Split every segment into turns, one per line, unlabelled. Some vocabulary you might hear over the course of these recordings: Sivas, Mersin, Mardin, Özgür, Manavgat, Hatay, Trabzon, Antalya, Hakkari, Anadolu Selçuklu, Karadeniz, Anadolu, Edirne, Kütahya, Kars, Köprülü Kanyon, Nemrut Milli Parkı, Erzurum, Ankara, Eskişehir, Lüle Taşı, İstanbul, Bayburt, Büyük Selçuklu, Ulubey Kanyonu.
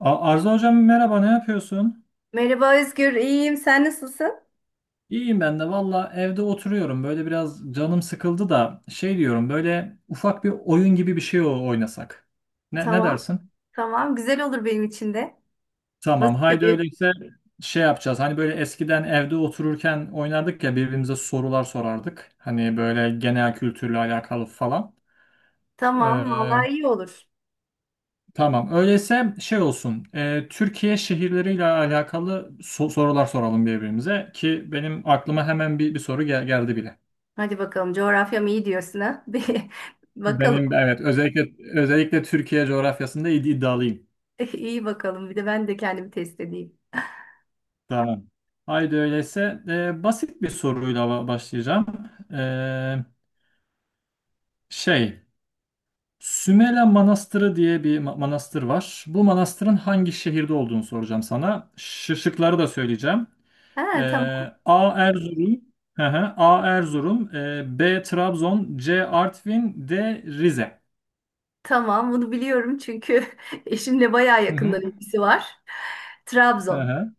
Arzu hocam, merhaba, ne yapıyorsun?
Merhaba Özgür, iyiyim. Sen nasılsın?
İyiyim, ben de valla evde oturuyorum, böyle biraz canım sıkıldı da şey diyorum, böyle ufak bir oyun gibi bir şey oynasak. Ne
Tamam,
dersin?
tamam. Güzel olur benim için de.
Tamam,
Nasıl
haydi
yapayım?
öyleyse şey yapacağız, hani böyle eskiden evde otururken oynardık ya, birbirimize sorular sorardık. Hani böyle genel kültürle alakalı falan.
Tamam, vallahi
Ee,
iyi olur.
tamam öyleyse şey olsun. Türkiye şehirleriyle alakalı sorular soralım birbirimize ki benim aklıma hemen bir soru geldi bile.
Hadi bakalım, coğrafyam iyi diyorsun ha? Bir bakalım.
Benim, evet, özellikle Türkiye coğrafyasında iddialıyım.
İyi bakalım. Bir de ben de kendimi test edeyim.
Tamam. Haydi öyleyse basit bir soruyla başlayacağım. E, şey, Sümele Manastırı diye bir manastır var. Bu manastırın hangi şehirde olduğunu soracağım sana. Şıkları da söyleyeceğim. E,
Ha, tamam,
A Erzurum, hı hı, A Erzurum, B Trabzon, C Artvin, D Rize.
tamam. Bunu biliyorum çünkü eşimle bayağı
Hı hı.
yakından ilgisi var.
Hı
Trabzon.
hı.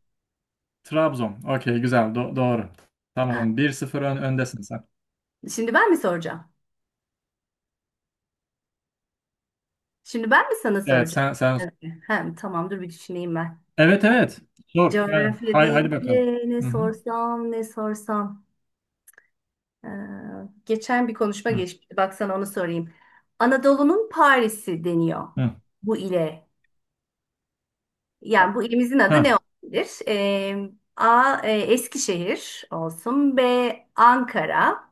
Trabzon. Okey, güzel. Doğru. Tamam. 1-0 öndesin sen.
Şimdi ben mi soracağım? Şimdi ben mi sana
Evet,
soracağım?
sen.
Evet. Hem tamam, dur bir düşüneyim ben.
Evet, evet. Sor. Ha,
Coğrafya
haydi bakalım.
deyince ne
Hı hı.
sorsam ne sorsam. Ee, geçen bir konuşma
Hı
geçmişti. Baksana onu sorayım. Anadolu'nun Paris'i deniyor
hı.
bu ile. Yani bu ilimizin adı ne
Ha.
olabilir? A. Eskişehir olsun. B. Ankara.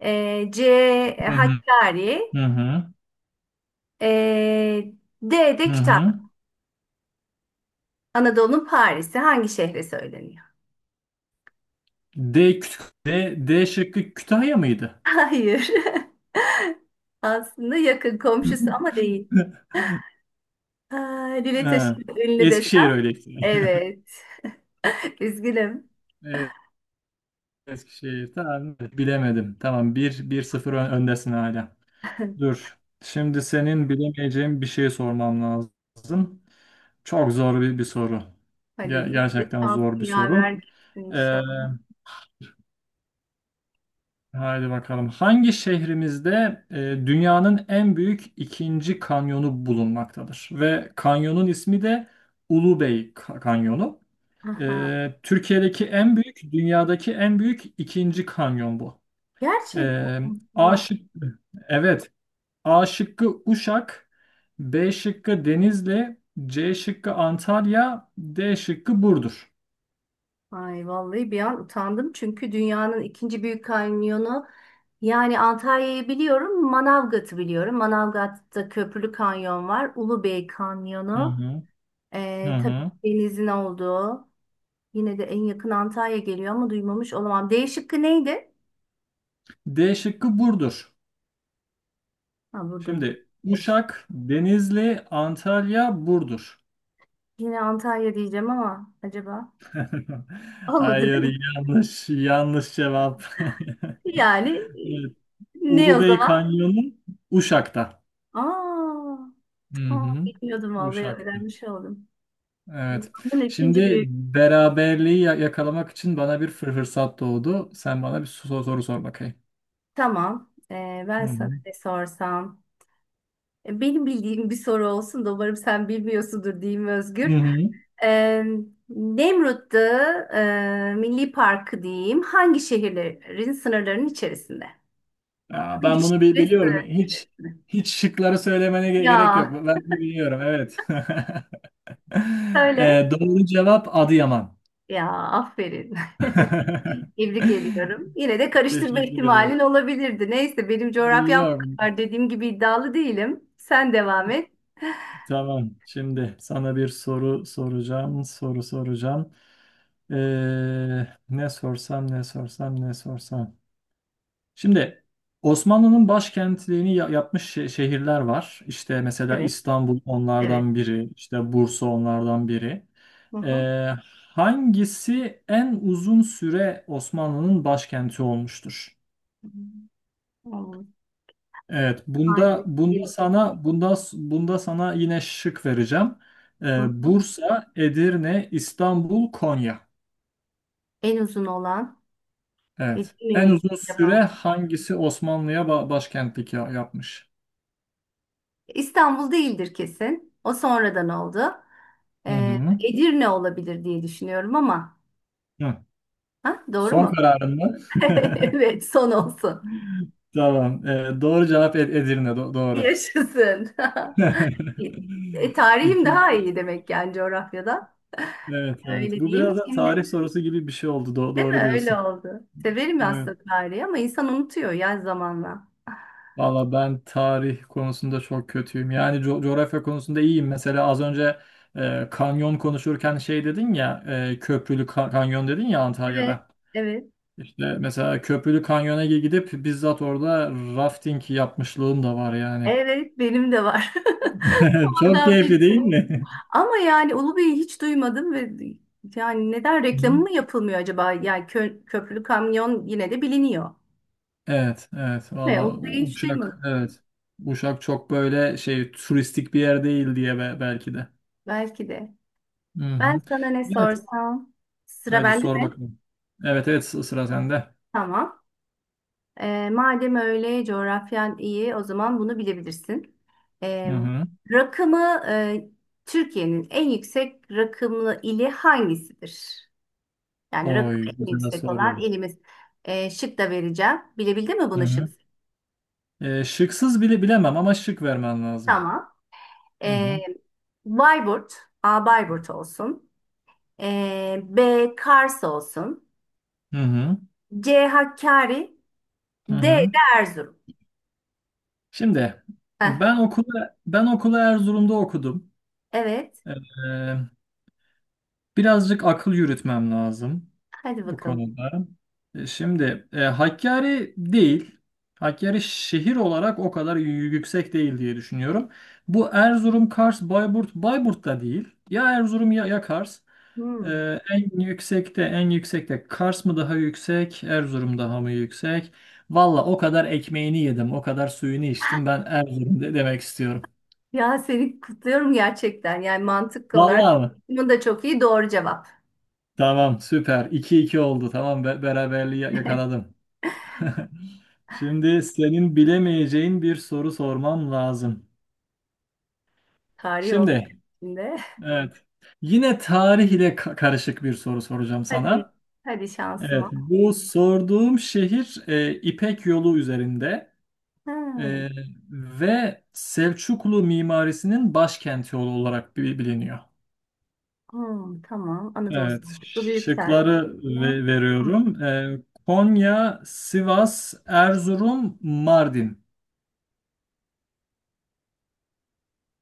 C.
Hı hı.
Hakkari.
Hı hı.
Ee, D. de
Hı
Kütahya.
hı.
Anadolu'nun Paris'i hangi şehre söyleniyor?
D, D şıkkı Kütahya mıydı?
Hayır. Aslında yakın komşusu ama değil. Aa, Lüle
Ha.
Taşı'nın ünlü
Eskişehir
desem.
öyleyse.
Evet. Üzgünüm.
Evet, Eskişehir. Tamam. Bilemedim. Tamam. Bir sıfır öndesin hala. Dur. Şimdi senin bilemeyeceğin bir şey sormam lazım. Çok zor bir soru.
Hadi iyi de
Gerçekten zor
şansın
bir
yaver
soru.
gitsin
Ee,
inşallah.
haydi bakalım. Hangi şehrimizde e, dünyanın en büyük ikinci kanyonu bulunmaktadır? Ve kanyonun ismi de Ulubey Kanyonu.
Aha.
Türkiye'deki en büyük, dünyadaki en büyük ikinci kanyon bu.
Gerçekten
Ee, A
Allah.
şıkkı, evet. A şıkkı Uşak, B şıkkı Denizli, C şıkkı Antalya, D şıkkı Burdur.
Ay vallahi bir an utandım çünkü dünyanın ikinci büyük kanyonu yani Antalya'yı biliyorum, Manavgat'ı biliyorum. Manavgat'ta Köprülü Kanyon var, Ulubey
Hı
Kanyonu.
hı, hı
Tabii
hı.
denizin olduğu. Yine de en yakın Antalya geliyor ama duymamış olamam. D şıkkı neydi?
D şıkkı Burdur.
Ha Burdur'du.
Şimdi Uşak, Denizli, Antalya, Burdur.
Yine Antalya diyeceğim ama acaba olmadı
Hayır,
değil mi?
yanlış, yanlış cevap.
Yani
Evet,
ne o
Ulubey
zaman?
Kanyonu Uşak'ta.
Aa,
Hı
aa,
hı.
bilmiyordum vallahi
Uşak'ta.
öğrenmiş oldum.
Evet.
Bunun ikinci
Şimdi
büyük.
beraberliği yakalamak için bana bir fırsat doğdu. Sen bana bir soru sor bakayım.
Tamam. Ben
Hı
sana
hı.
ne sorsam? Benim bildiğim bir soru olsun da umarım sen bilmiyorsundur diyeyim
Hı
Özgür.
hı.
Ee, Nemrut'ta Milli Parkı diyeyim. Hangi şehirlerin sınırlarının içerisinde?
Ya ben
Hangi
bunu
şehirlerin
biliyorum.
sınırlarının
Hiç
içerisinde?
hiç şıkları söylemene gerek yok.
Ya
Ben bunu biliyorum. Evet.
söyle.
Doğru cevap Adıyaman.
Ya aferin. Tebrik ediyorum. Yine de karıştırma
Teşekkür ederim.
ihtimalin olabilirdi. Neyse benim coğrafyam bu
Yok.
kadar dediğim gibi iddialı değilim. Sen devam et.
Tamam. Şimdi sana bir soru soracağım. Soru soracağım. Ee, ne sorsam, ne sorsam, ne sorsam. Şimdi Osmanlı'nın başkentliğini yapmış şehirler var. İşte mesela
Evet,
İstanbul
evet.
onlardan biri, işte Bursa onlardan biri.
Hı hı.
Ee, hangisi en uzun süre Osmanlı'nın başkenti olmuştur?
Tamam.
Evet, bunda bunda
Hangisi?
sana bunda bunda sana yine şık vereceğim.
Hı hı.
Bursa, Edirne, İstanbul, Konya.
En uzun olan
Evet.
Edirne
En
mi
uzun süre
acaba?
hangisi Osmanlı'ya başkentlik yapmış?
İstanbul değildir kesin. O sonradan oldu.
Hı
Ee,
hı.
Edirne olabilir diye düşünüyorum ama.
Hı.
Ha, doğru
Son
mu?
kararın mı?
Evet, son olsun.
Tamam. Doğru cevap Edirne. Doğru.
Yaşasın. Tarihim
İki.
daha iyi demek yani coğrafyada.
Evet, evet.
Öyle
Bu
diyeyim
biraz da
şimdi
tarih sorusu gibi bir şey oldu.
değil
Doğru
mi? Öyle
diyorsun.
oldu. Severim
Evet.
aslında tarihi ama insan unutuyor ya zamanla.
Valla ben tarih konusunda çok kötüyüm. Yani coğrafya konusunda iyiyim. Mesela az önce kanyon konuşurken şey dedin ya, köprülü kanyon dedin ya,
Evet,
Antalya'da.
evet.
İşte mesela Köprülü Kanyon'a gidip bizzat orada rafting yapmışlığım da var yani.
Evet, benim de var.
Çok
Oradan
keyifli değil
biliyorum.
mi?
Ama yani Ulubey'i hiç duymadım ve yani neden
Hı.
reklamı mı yapılmıyor acaba? Yani köprülü kamyon yine de biliniyor.
Evet, evet.
Ve
Valla
Ulubey'i hiç
Uşak,
duymadım.
evet. Uşak çok böyle şey turistik bir yer değil diye belki de.
Belki de.
Hı
Ben
hı.
sana ne
Evet.
sorsam? Sıra
Haydi
bende
sor
mi?
bakalım. Evet, evet, sıra sende.
Tamam. Madem öyle coğrafyan iyi o zaman bunu bilebilirsin. E,
Hı hı.
rakımı Türkiye'nin en yüksek rakımlı ili hangisidir? Yani rakım
Oy,
en
güzel
yüksek olan
soru.
ilimiz. Şık da vereceğim. Bilebildin mi
Hı
bunu şık?
hı. Şıksız bile bilemem ama şık vermen lazım.
Tamam.
Hı
E,
hı.
Bayburt, A Bayburt olsun. B Kars olsun.
Hı hı.
C Hakkari,
Hı
D
hı.
de Erzurum.
Şimdi
Heh,
ben okula Erzurum'da okudum.
evet.
Ee, Birazcık akıl yürütmem lazım
Hadi
bu
bakalım.
konuda. Şimdi Hakkari değil. Hakkari şehir olarak o kadar yüksek değil diye düşünüyorum. Bu Erzurum, Kars, Bayburt, Bayburt da değil. Ya Erzurum, ya Kars. E,
Hmm.
en yüksekte Kars mı daha yüksek, Erzurum daha mı yüksek? Valla o kadar ekmeğini yedim, o kadar suyunu içtim. Ben Erzurum de demek istiyorum.
Ya seni kutluyorum gerçekten. Yani mantık olarak
Vallahi mi?
bunun da çok iyi doğru cevap.
Tamam, süper. 2 iki oldu. Tamam, beraberliği yakaladım. Şimdi senin bilemeyeceğin bir soru sormam lazım.
Tarih olmuyor
Şimdi,
içinde.
evet. Yine tarih ile karışık bir soru soracağım
Hadi,
sana.
hadi
Evet,
şansıma.
bu sorduğum şehir İpek Yolu üzerinde
Hmm,
e, ve Selçuklu mimarisinin başkenti olarak biliniyor.
hmm, tamam. Anadolu
Evet,
Selçuklu Büyük
şıkları
Selçuklu. Hmm.
veriyorum. Konya, Sivas, Erzurum, Mardin.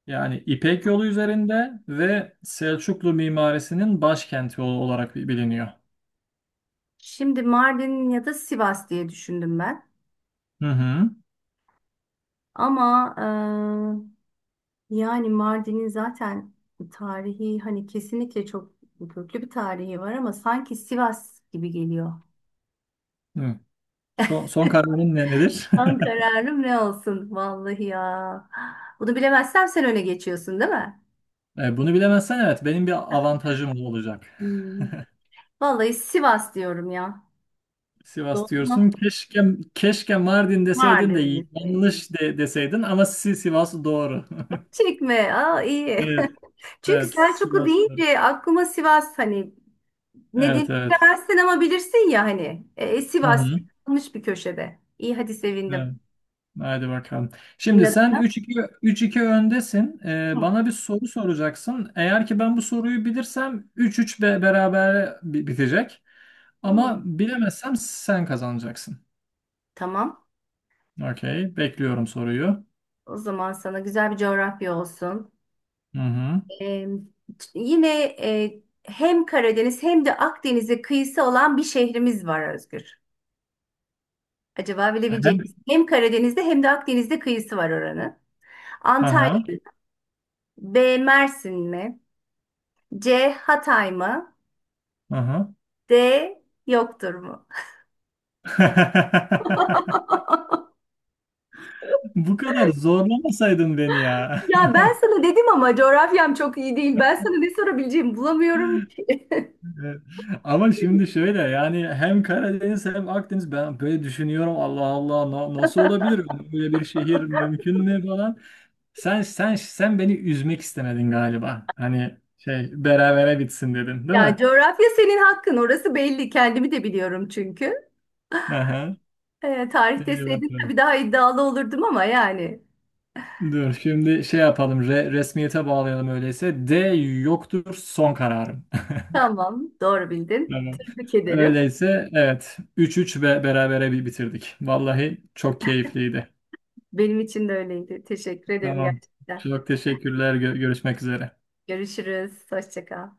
Yani İpek Yolu üzerinde ve Selçuklu mimarisinin başkenti olarak biliniyor.
Şimdi Mardin ya da Sivas diye düşündüm ben.
Hı hı.
Ama yani Mardin'in zaten tarihi hani kesinlikle çok köklü bir tarihi var ama sanki Sivas gibi geliyor.
Hı. Son kararın nedir?
Son kararım ne olsun vallahi ya. Bunu bilemezsem sen öne geçiyorsun değil mi?
Bunu bilemezsen evet benim bir avantajım olacak.
Hmm. Vallahi Sivas diyorum ya.
Sivas
Doğru
diyorsun. Keşke Mardin deseydin
Vardır
de
liste.
yanlış deseydin ama Sivas doğru.
Çekme. Aa iyi.
Evet,
Çünkü
evet,
Selçuklu
Sivas.
deyince aklıma Sivas hani ne
Evet, evet.
demezsin ama bilirsin ya hani.
Hı
Sivas
hı.
kalmış bir köşede. İyi hadi sevindim.
Evet. Haydi bakalım.
Senin
Şimdi
adın
sen
ne?
3-2 öndesin. Bana bir soru soracaksın. Eğer ki ben bu soruyu bilirsem 3-3 beraber bitecek.
Hı.
Ama bilemezsem sen kazanacaksın.
Tamam.
Okey. Bekliyorum soruyu.
O zaman sana güzel bir coğrafya olsun.
Hı hı.
Ee, yine hem Karadeniz hem de Akdeniz'e kıyısı olan bir şehrimiz var Özgür. Acaba bilebilecek
Hem,
misin? Hem Karadeniz'de hem de Akdeniz'de kıyısı var oranın. Antalya
aha,
mı? B. Mersin mi? C. Hatay mı?
aha.
D. Yoktur mu?
Bu kadar zorlamasaydın beni ya.
Ya ben sana dedim ama coğrafyam çok iyi değil. Ben sana ne sorabileceğimi bulamıyorum.
Evet. Ama şimdi şöyle yani hem Karadeniz hem Akdeniz ben böyle düşünüyorum, Allah Allah, nasıl olabilir böyle bir şehir, mümkün mü falan. Sen beni üzmek istemedin galiba. Hani şey berabere bitsin dedin değil
Ya
mi?
coğrafya senin hakkın. Orası belli. Kendimi de biliyorum çünkü.
Aha.
Tarih
İyi
deseydin tabii
bakalım.
daha iddialı olurdum ama yani.
Dur şimdi şey yapalım, resmiyete bağlayalım öyleyse. D yoktur, son kararım.
Tamam, doğru bildin.
Tamam.
Tebrik ederim.
Öyleyse evet 3-3 ve berabere bir bitirdik. Vallahi çok keyifliydi.
Benim için de öyleydi. Teşekkür ederim
Tamam.
gerçekten.
Çok teşekkürler. Görüşmek üzere.
Görüşürüz. Hoşça kal.